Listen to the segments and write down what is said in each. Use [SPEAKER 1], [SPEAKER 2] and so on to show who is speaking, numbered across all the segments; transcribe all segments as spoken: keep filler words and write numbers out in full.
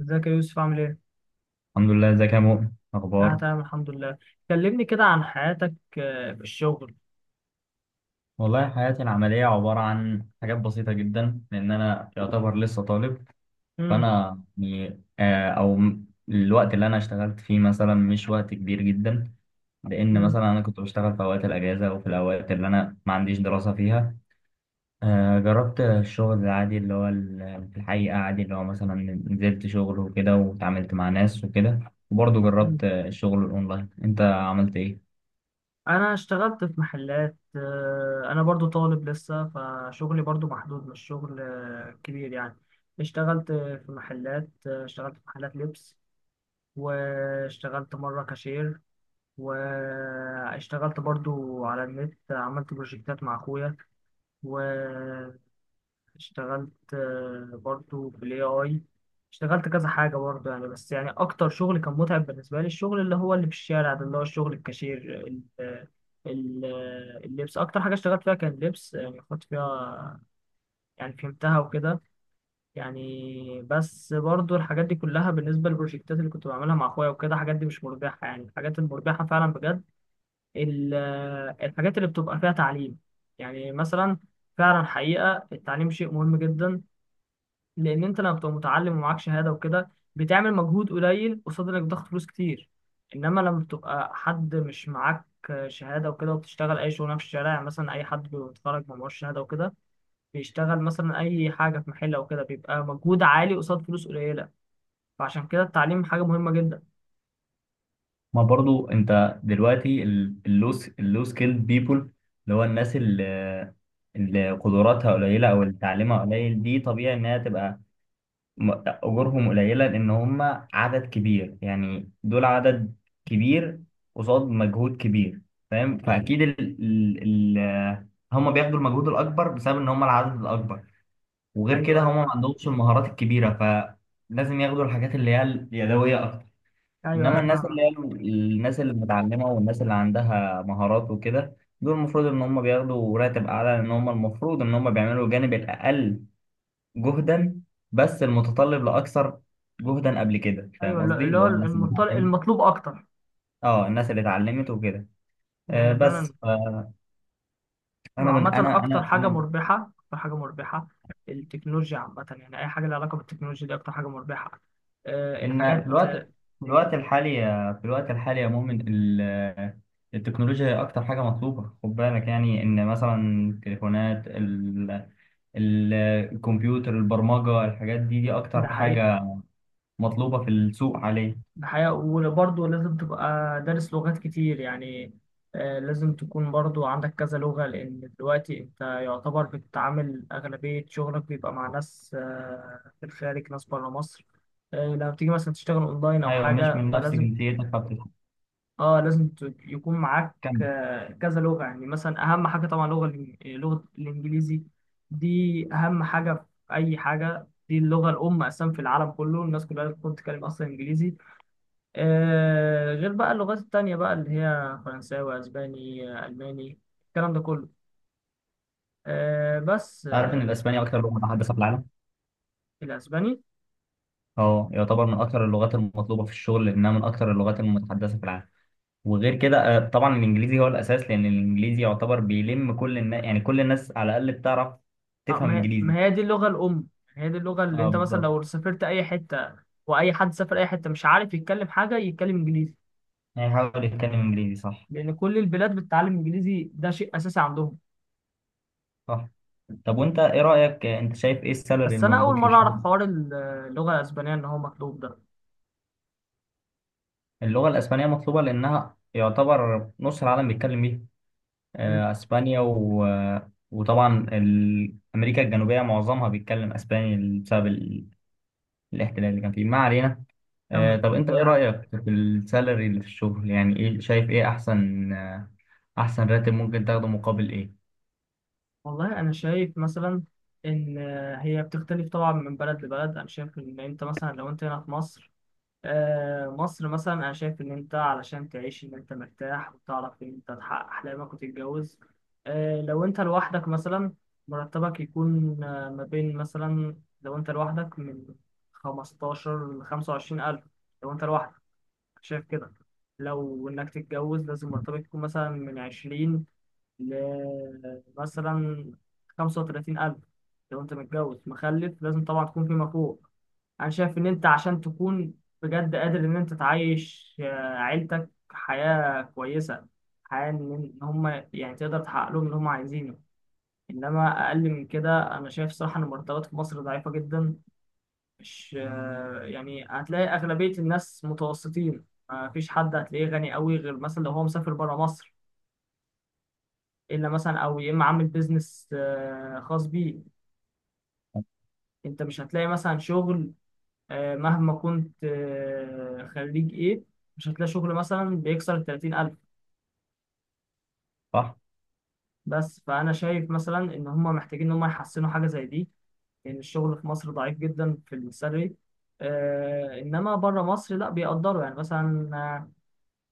[SPEAKER 1] ازيك يا يوسف، عامل ايه؟
[SPEAKER 2] الحمد لله، ازيك يا مؤمن؟
[SPEAKER 1] انا
[SPEAKER 2] اخبارك؟
[SPEAKER 1] تمام الحمد لله. كلمني كده عن حياتك آه، في الشغل.
[SPEAKER 2] والله حياتي العمليه عباره عن حاجات بسيطه جدا، لان انا يعتبر لسه طالب.
[SPEAKER 1] مم.
[SPEAKER 2] فانا يعني آه، او م- الوقت اللي انا اشتغلت فيه مثلا مش وقت كبير جدا، لان
[SPEAKER 1] مم.
[SPEAKER 2] مثلا انا كنت بشتغل في اوقات الاجازه وفي الاوقات اللي انا ما عنديش دراسه فيها. آه، جربت الشغل العادي اللي هو ال- في الحقيقه عادي، اللي هو مثلا نزلت شغل وكده وتعاملت مع ناس وكده. وبرضه
[SPEAKER 1] مم.
[SPEAKER 2] جربت آه، الشغل الاونلاين. انت عملت ايه؟
[SPEAKER 1] انا اشتغلت في محلات. آه، انا برضو طالب لسه، فشغلي برضو محدود، مش شغل آه، كبير يعني. اشتغلت في محلات، آه، اشتغلت في محلات لبس، واشتغلت مرة كاشير، واشتغلت برضو على النت، عملت بروجكتات مع اخويا، و اشتغلت آه، برضو بالاي اي. اشتغلت كذا حاجة برضو يعني، بس يعني اكتر شغل كان متعب بالنسبة لي الشغل اللي هو اللي في الشارع ده، اللي هو الشغل الكاشير. ال- ال- اللبس اكتر حاجة اشتغلت فيها كان لبس، يعني كنت فيها، يعني فهمتها وكده. يعني بس برضو الحاجات دي كلها، بالنسبة للبروجكتات اللي كنت بعملها مع اخويا وكده، الحاجات دي مش مربحة. يعني الحاجات المربحة فعلا بجد ال- الحاجات اللي بتبقى فيها تعليم، يعني مثلا. فعلا، حقيقة التعليم شيء مهم جدا، لان انت لما بتبقى متعلم ومعاك شهاده وكده بتعمل مجهود قليل قصاد انك ضغط فلوس كتير. انما لما بتبقى حد مش معاك شهاده وكده، وبتشتغل اي شغلانه في الشارع يعني، مثلا اي حد بيبقى متخرج ما معهوش شهاده وكده بيشتغل مثلا اي حاجه في محل او كده، بيبقى مجهود عالي قصاد فلوس قليله. فعشان كده التعليم حاجه مهمه جدا.
[SPEAKER 2] ما برضو انت دلوقتي اللو اللو سكيلد بيبول، اللي هو الناس اللي اللي قدراتها قليله او اللي تعليمها قليل، دي طبيعي انها تبقى م- اجورهم قليله، لان هم عدد كبير. يعني دول عدد كبير قصاد مجهود كبير، فاهم؟ مم. فاكيد ال ال ال هم بياخدوا المجهود الاكبر بسبب ان هم العدد الاكبر، وغير
[SPEAKER 1] ايوه،
[SPEAKER 2] كده
[SPEAKER 1] ايوه،
[SPEAKER 2] هم ما
[SPEAKER 1] فاهم.
[SPEAKER 2] عندهمش المهارات الكبيره، فلازم ياخدوا الحاجات اللي هي اليدويه اكتر.
[SPEAKER 1] ايوه،
[SPEAKER 2] انما
[SPEAKER 1] ايوه،
[SPEAKER 2] الناس
[SPEAKER 1] فاهمه.
[SPEAKER 2] اللي هي الناس اللي متعلمه والناس اللي عندها مهارات وكده، دول المفروض ان هم بياخدوا راتب اعلى، لان هم المفروض ان هم بيعملوا الجانب الاقل جهدا، بس المتطلب لاكثر جهدا. قبل كده
[SPEAKER 1] ايوه،
[SPEAKER 2] فاهم
[SPEAKER 1] اللي
[SPEAKER 2] قصدي،
[SPEAKER 1] اللي
[SPEAKER 2] اللي
[SPEAKER 1] هو
[SPEAKER 2] هو الناس اللي
[SPEAKER 1] المطل-
[SPEAKER 2] اتعلمت،
[SPEAKER 1] المطلوب اكتر،
[SPEAKER 2] اه الناس اللي اتعلمت وكده. آه
[SPEAKER 1] لان فعلا.
[SPEAKER 2] بس آه انا
[SPEAKER 1] وعامة
[SPEAKER 2] من انا
[SPEAKER 1] أكتر
[SPEAKER 2] انا
[SPEAKER 1] حاجة
[SPEAKER 2] انا
[SPEAKER 1] مربحة، أكتر حاجة مربحة، التكنولوجيا عامة، يعني أي حاجة لها علاقة بالتكنولوجيا دي أكتر حاجة مربحة. أه
[SPEAKER 2] ان في
[SPEAKER 1] الحاجات
[SPEAKER 2] الوقت،
[SPEAKER 1] آه،
[SPEAKER 2] في الوقت الحالي في الوقت الحالي يا مؤمن ال- التكنولوجيا هي اكتر حاجه مطلوبه. خد بالك يعني ان مثلا التليفونات، ال- الكمبيوتر، البرمجة، الحاجات دي دي
[SPEAKER 1] ده
[SPEAKER 2] أكتر
[SPEAKER 1] حقيقة.
[SPEAKER 2] حاجة مطلوبة في السوق حاليا.
[SPEAKER 1] ده حقيقة، وبرضه لازم تبقى دارس لغات كتير يعني. أه لازم تكون برضه عندك كذا لغة، لأن دلوقتي أنت يعتبر بتتعامل، أغلبية شغلك بيبقى مع ناس آه، في الخارج، ناس بره مصر. أه لما بتيجي مثلا تشتغل أونلاين أو
[SPEAKER 2] أيوة، مش
[SPEAKER 1] حاجة
[SPEAKER 2] من نفس
[SPEAKER 1] فلازم.
[SPEAKER 2] جنسيتك فبتتكلم.
[SPEAKER 1] اه لازم ت- يكون معاك آه، كذا لغة، يعني مثلا أهم حاجة طبعا لغة الإن- لغة الإنجليزي، دي أهم حاجة في أي حاجة. دي اللغة الأم أساسا، في العالم كله الناس كلها بتكون تتكلم أصلا إنجليزي. آه، غير بقى اللغات التانية بقى اللي هي فرنساوي، أسباني، آه، ألماني، الكلام ده كله. آه بس
[SPEAKER 2] عارف إن
[SPEAKER 1] آه
[SPEAKER 2] الأسباني أكتر لغة متحدثة في العالم؟
[SPEAKER 1] الأسباني.
[SPEAKER 2] أه، يعتبر من أكتر اللغات المطلوبة في الشغل، لأنها من أكتر اللغات المتحدثة في العالم. وغير كده آه، طبعا الإنجليزي هو الأساس، لأن الإنجليزي يعتبر بيلم كل الناس، يعني كل الناس على الأقل بتعرف
[SPEAKER 1] آه
[SPEAKER 2] تفهم
[SPEAKER 1] ما هي ما
[SPEAKER 2] إنجليزي.
[SPEAKER 1] هي دي اللغة الأم، هي دي اللغة اللي
[SPEAKER 2] أه
[SPEAKER 1] أنت مثلا
[SPEAKER 2] بالظبط.
[SPEAKER 1] لو سافرت أي حتة، وأي حد سافر أي حتة مش عارف يتكلم حاجة يتكلم إنجليزي.
[SPEAKER 2] يعني يحاول يتكلم إنجليزي، صح.
[SPEAKER 1] لان كل البلاد بتتعلم انجليزي، ده شيء اساسي عندهم.
[SPEAKER 2] صح. طب وأنت إيه رأيك؟ آه، أنت شايف إيه السالري
[SPEAKER 1] بس انا اول
[SPEAKER 2] المظبوط
[SPEAKER 1] مره اعرف
[SPEAKER 2] للشغل؟
[SPEAKER 1] حوار ال- اللغه الاسبانيه ان هو مطلوب ده.
[SPEAKER 2] اللغة الإسبانية مطلوبة لأنها يعتبر نص العالم بيتكلم بيها.
[SPEAKER 1] امم،
[SPEAKER 2] آه، أسبانيا، و... آه، وطبعا ال- أمريكا الجنوبية معظمها بيتكلم أسباني بسبب ال... الاحتلال اللي كان فيه. ما علينا. آه،
[SPEAKER 1] كمل
[SPEAKER 2] طب
[SPEAKER 1] كنت
[SPEAKER 2] أنت
[SPEAKER 1] بتقول
[SPEAKER 2] إيه
[SPEAKER 1] حاجه.
[SPEAKER 2] رأيك في السالري اللي في الشغل؟ يعني إيه شايف إيه أحسن، آه، أحسن راتب ممكن تاخده مقابل إيه؟
[SPEAKER 1] والله انا شايف مثلا ان هي بتختلف طبعا من بلد لبلد. انا شايف ان انت مثلا لو انت هنا في مصر، آه، مصر مثلا، انا شايف ان انت علشان تعيش ان انت مرتاح وتعرف ان انت تحقق احلامك وتتجوز، آه، لو انت لوحدك مثلا، مرتبك يكون آه، ما بين مثلا، لو انت لوحدك من خمسة عشر ل خمسة وعشرين الف، لو انت لوحدك، شايف كده. لو انك تتجوز لازم مرتبك يكون مثلا من عشرين ل مثلا خمسة وثلاثين الف. لو انت متجوز مخلف لازم طبعا تكون فيما فوق. انا شايف ان انت عشان تكون بجد قادر ان انت تعيش آه، عيلتك حياة كويسة، حياة ان إن هم، يعني تقدر تحقق لهم اللي هم عايزينه. انما اقل من كده انا شايف صراحة ان المرتبات في مصر ضعيفة جدا. مش آه، يعني هتلاقي اغلبية الناس متوسطين، ما فيش حد هتلاقيه غني قوي غير مثلا لو هو مسافر بره مصر، الا مثلا، او يا اما عامل بيزنس خاص بيه. انت مش هتلاقي مثلا شغل، آه، مهما كنت آه، خريج ايه، مش هتلاقي شغل مثلا بيكسر التلاتين ألف.
[SPEAKER 2] صح؟
[SPEAKER 1] بس فأنا شايف مثلا إن هما محتاجين إن هما يحسنوا حاجة زي دي، لأن الشغل في مصر ضعيف جدا في السالري. آه، إنما بره مصر لأ بيقدروا، يعني مثلا، آه،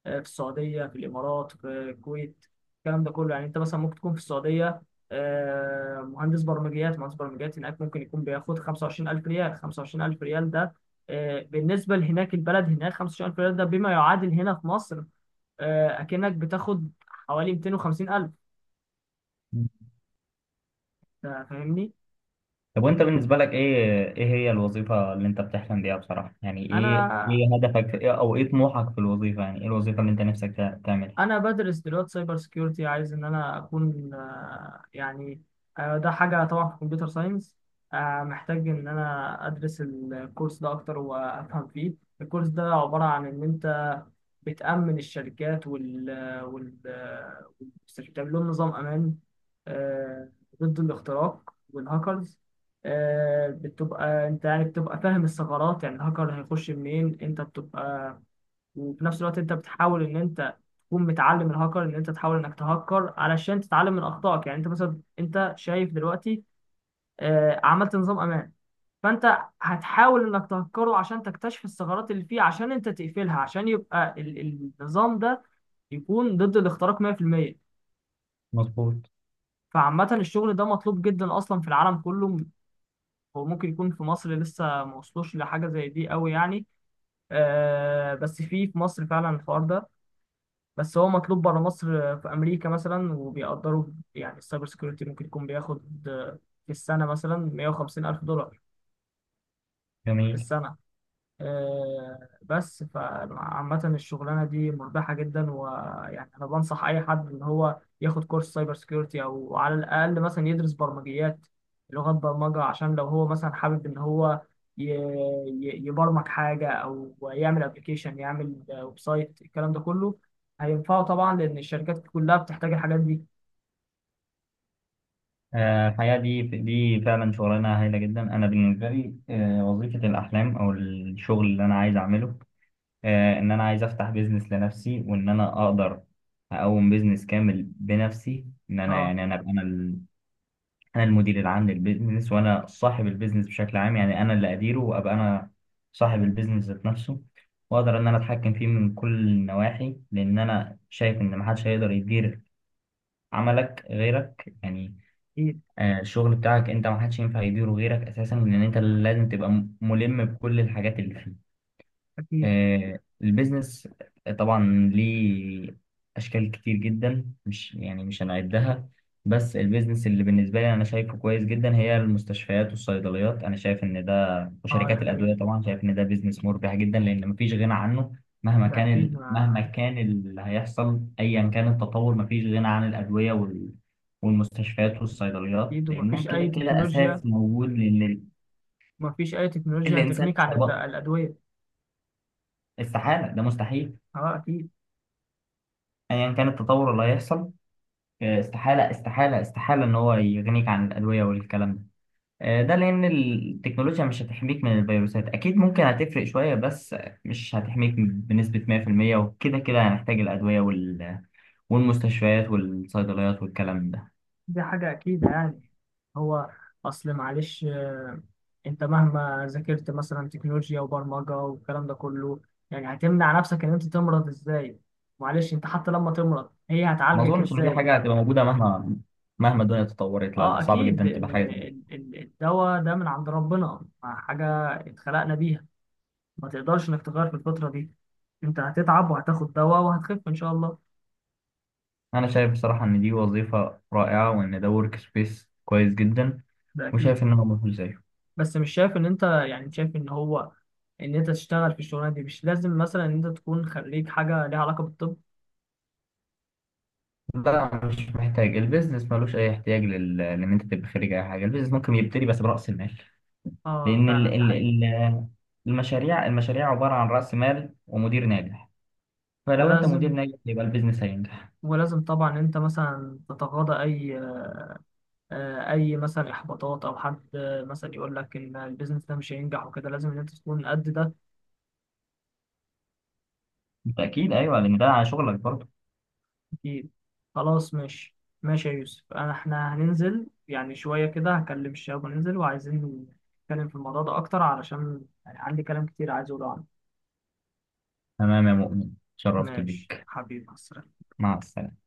[SPEAKER 1] آه، في السعودية، في الإمارات، في الكويت، الكلام ده كله. يعني أنت مثلا ممكن تكون في السعودية آه، مهندس برمجيات، مهندس برمجيات هناك ممكن يكون بياخد خمسة وعشرين الف ريال. خمسة وعشرين الف ريال ده آه، بالنسبة لهناك البلد، هناك خمسة وعشرين الف ريال ده بما يعادل هنا في مصر آه، أكنك بتاخد حوالي ميتين وخمسين الف.
[SPEAKER 2] مم.
[SPEAKER 1] ده فاهمني؟
[SPEAKER 2] طب وأنت بالنسبة لك إيه إيه هي الوظيفة اللي أنت بتحلم بيها بصراحة؟ يعني
[SPEAKER 1] أنا
[SPEAKER 2] إيه إيه هدفك في... أو إيه طموحك في الوظيفة؟ يعني إيه الوظيفة اللي أنت نفسك تع- تعملها؟
[SPEAKER 1] انا بدرس دلوقتي سايبر سكيورتي، عايز ان انا اكون آه، يعني آه، ده حاجه طبعا في كمبيوتر ساينس. محتاج ان انا ادرس الكورس ده اكتر وافهم فيه. الكورس ده عباره عن ان انت بتامن الشركات وال وال والمستشفيات، بتعمل لهم نظام امان آه، ضد الاختراق والهاكرز. آه، بتبقى انت يعني بتبقى فاهم الثغرات، يعني الهاكر هيخش منين انت بتبقى. وفي نفس الوقت انت بتحاول ان انت تكون متعلم الهاكر، ان انت تحاول انك تهكر علشان تتعلم من اخطائك. يعني انت مثلا، انت شايف دلوقتي، آه، عملت نظام امان، فانت هتحاول انك تهكره عشان تكتشف الثغرات اللي فيه عشان انت تقفلها عشان يبقى ال- ال- النظام ده يكون ضد الاختراق ميه في الميه.
[SPEAKER 2] مظبوط.
[SPEAKER 1] فعامة الشغل ده مطلوب جدا اصلا في العالم كله، وممكن يكون في مصر لسه ما وصلوش لحاجة زي دي قوي يعني. آه، بس في في مصر فعلا الحوار ده. بس هو مطلوب بره مصر، في امريكا مثلا، وبيقدروا يعني. السايبر سيكيورتي ممكن يكون بياخد في السنه مثلا ميه وخمسين الف دولار في
[SPEAKER 2] جميل.
[SPEAKER 1] السنه. آه، بس فعامة الشغلانة دي مربحة جدا، ويعني أنا بنصح أي حد إن هو ياخد كورس سايبر سيكيورتي، أو على الأقل مثلا يدرس برمجيات، لغات برمجة، عشان لو هو مثلا حابب إن هو ي- ي- يبرمج حاجة أو يعمل أبلكيشن، يعمل آه، ويب سايت، الكلام ده كله هينفعه طبعا، لأن الشركات كلها بتحتاج الحاجات دي.
[SPEAKER 2] آه، الحقيقة دي دي فعلا شغلانة هايلة جدا. أنا بالنسبة لي آه، وظيفة الأحلام أو الشغل اللي أنا عايز أعمله، آه، إن أنا عايز أفتح بيزنس لنفسي، وإن أنا أقدر أقوم بيزنس كامل بنفسي، إن أنا
[SPEAKER 1] أه
[SPEAKER 2] يعني أنا أبقى أنا ال- أنا المدير العام للبيزنس، وأنا صاحب البيزنس بشكل عام. يعني أنا اللي أديره، وأبقى أنا صاحب البيزنس ذات نفسه، وأقدر إن أنا أتحكم فيه من كل النواحي، لأن أنا شايف إن محدش هيقدر يدير عملك غيرك يعني.
[SPEAKER 1] أكيد.
[SPEAKER 2] آه، الشغل بتاعك انت ما حدش ينفع يديره غيرك اساسا، لان انت لازم تبقى م- ملم بكل الحاجات اللي فيه.
[SPEAKER 1] أكيد.
[SPEAKER 2] آه، البيزنس طبعا ليه أشكال كتير جدا، مش يعني مش هنعدها. بس البيزنس اللي بالنسبة لي أنا شايفه كويس جدا هي المستشفيات والصيدليات. أنا شايف إن ده،
[SPEAKER 1] أه ده
[SPEAKER 2] وشركات
[SPEAKER 1] حقيقي.
[SPEAKER 2] الأدوية طبعا، شايف إن ده بيزنس مربح جدا لأن مفيش غنى عنه. مهما
[SPEAKER 1] ده
[SPEAKER 2] كان
[SPEAKER 1] أكيد.
[SPEAKER 2] ال...
[SPEAKER 1] ما
[SPEAKER 2] مهما كان اللي هيحصل، أيا كان التطور، مفيش غنى عن الأدوية وال... والمستشفيات والصيدليات،
[SPEAKER 1] أكيد،
[SPEAKER 2] لأنها
[SPEAKER 1] ومفيش
[SPEAKER 2] كده
[SPEAKER 1] أي
[SPEAKER 2] كده
[SPEAKER 1] تكنولوجيا،
[SPEAKER 2] أساس موجود. لأن ال-
[SPEAKER 1] مفيش أي تكنولوجيا
[SPEAKER 2] الإنسان
[SPEAKER 1] هتغنيك
[SPEAKER 2] مش
[SPEAKER 1] عن الد-
[SPEAKER 2] هيبطل،
[SPEAKER 1] الأدوية.
[SPEAKER 2] استحالة، ده مستحيل.
[SPEAKER 1] اه اكيد.
[SPEAKER 2] ايا كان التطور اللي هيحصل، آه، استحاله استحاله استحاله ان هو يغنيك عن الادويه والكلام ده. آه، ده لان التكنولوجيا مش هتحميك من الفيروسات اكيد، ممكن هتفرق شويه بس مش هتحميك بنسبه مية في المية، وكده كده هنحتاج الادويه وال والمستشفيات والصيدليات والكلام ده.
[SPEAKER 1] دي حاجة اكيد يعني. هو اصل معلش، آه، انت مهما ذاكرت مثلا تكنولوجيا وبرمجة والكلام ده كله، يعني هتمنع نفسك ان انت تمرض ازاي؟ معلش، انت حتى لما تمرض هي
[SPEAKER 2] ما
[SPEAKER 1] هتعالجك
[SPEAKER 2] اظنش ان دي
[SPEAKER 1] ازاي؟
[SPEAKER 2] حاجه هتبقى موجوده، مهما مهما الدنيا تطورت. لا لا،
[SPEAKER 1] اه
[SPEAKER 2] صعب
[SPEAKER 1] اكيد،
[SPEAKER 2] جدا تبقى
[SPEAKER 1] ان
[SPEAKER 2] حاجه زي دي.
[SPEAKER 1] ال- ال- الدواء ده من عند ربنا، حاجة اتخلقنا بيها، ما تقدرش انك تغير في الفترة دي. انت هتتعب وهتاخد دواء وهتخف ان شاء الله.
[SPEAKER 2] انا شايف بصراحه ان دي وظيفه رائعه، وان ده ورك سبيس كويس جدا،
[SPEAKER 1] ده اكيد.
[SPEAKER 2] وشايف ان هو مفيش زيه.
[SPEAKER 1] بس مش شايف ان انت، يعني شايف ان هو ان انت تشتغل في الشغلانه دي مش لازم مثلا ان انت تكون خريج حاجه ليها علاقه بالطب.
[SPEAKER 2] لا، مش محتاج، البيزنس ملوش اي احتياج لل... لان انت تبقى خارج اي حاجه، البيزنس ممكن يبتدي بس براس المال.
[SPEAKER 1] اه
[SPEAKER 2] لان ال...
[SPEAKER 1] فعلا ده
[SPEAKER 2] ال...
[SPEAKER 1] حقيقي.
[SPEAKER 2] ال... المشاريع المشاريع عباره عن راس مال ومدير ناجح. فلو انت مدير
[SPEAKER 1] ولازم
[SPEAKER 2] ناجح يبقى البيزنس هينجح.
[SPEAKER 1] ولازم طبعا ان انت مثلا تتغاضى اي آه، اي مثلا احباطات، او حد آه، مثلا يقول لك ان البيزنس ده مش هينجح وكده، لازم ان انت تكون قد ده.
[SPEAKER 2] بالتاكيد ايوه، لان ده شغلك برضه.
[SPEAKER 1] اكيد. خلاص، ماشي. ماشي يا يوسف، انا احنا هننزل يعني شويه كده، هكلم الشباب وننزل، وعايزين نتكلم في الموضوع ده اكتر، علشان يعني عندي كلام كتير عايز اقوله عنه.
[SPEAKER 2] تمام يا مؤمن، شرفت
[SPEAKER 1] ماشي
[SPEAKER 2] بيك.
[SPEAKER 1] حبيبي، مع السلامة.
[SPEAKER 2] مع السلامه.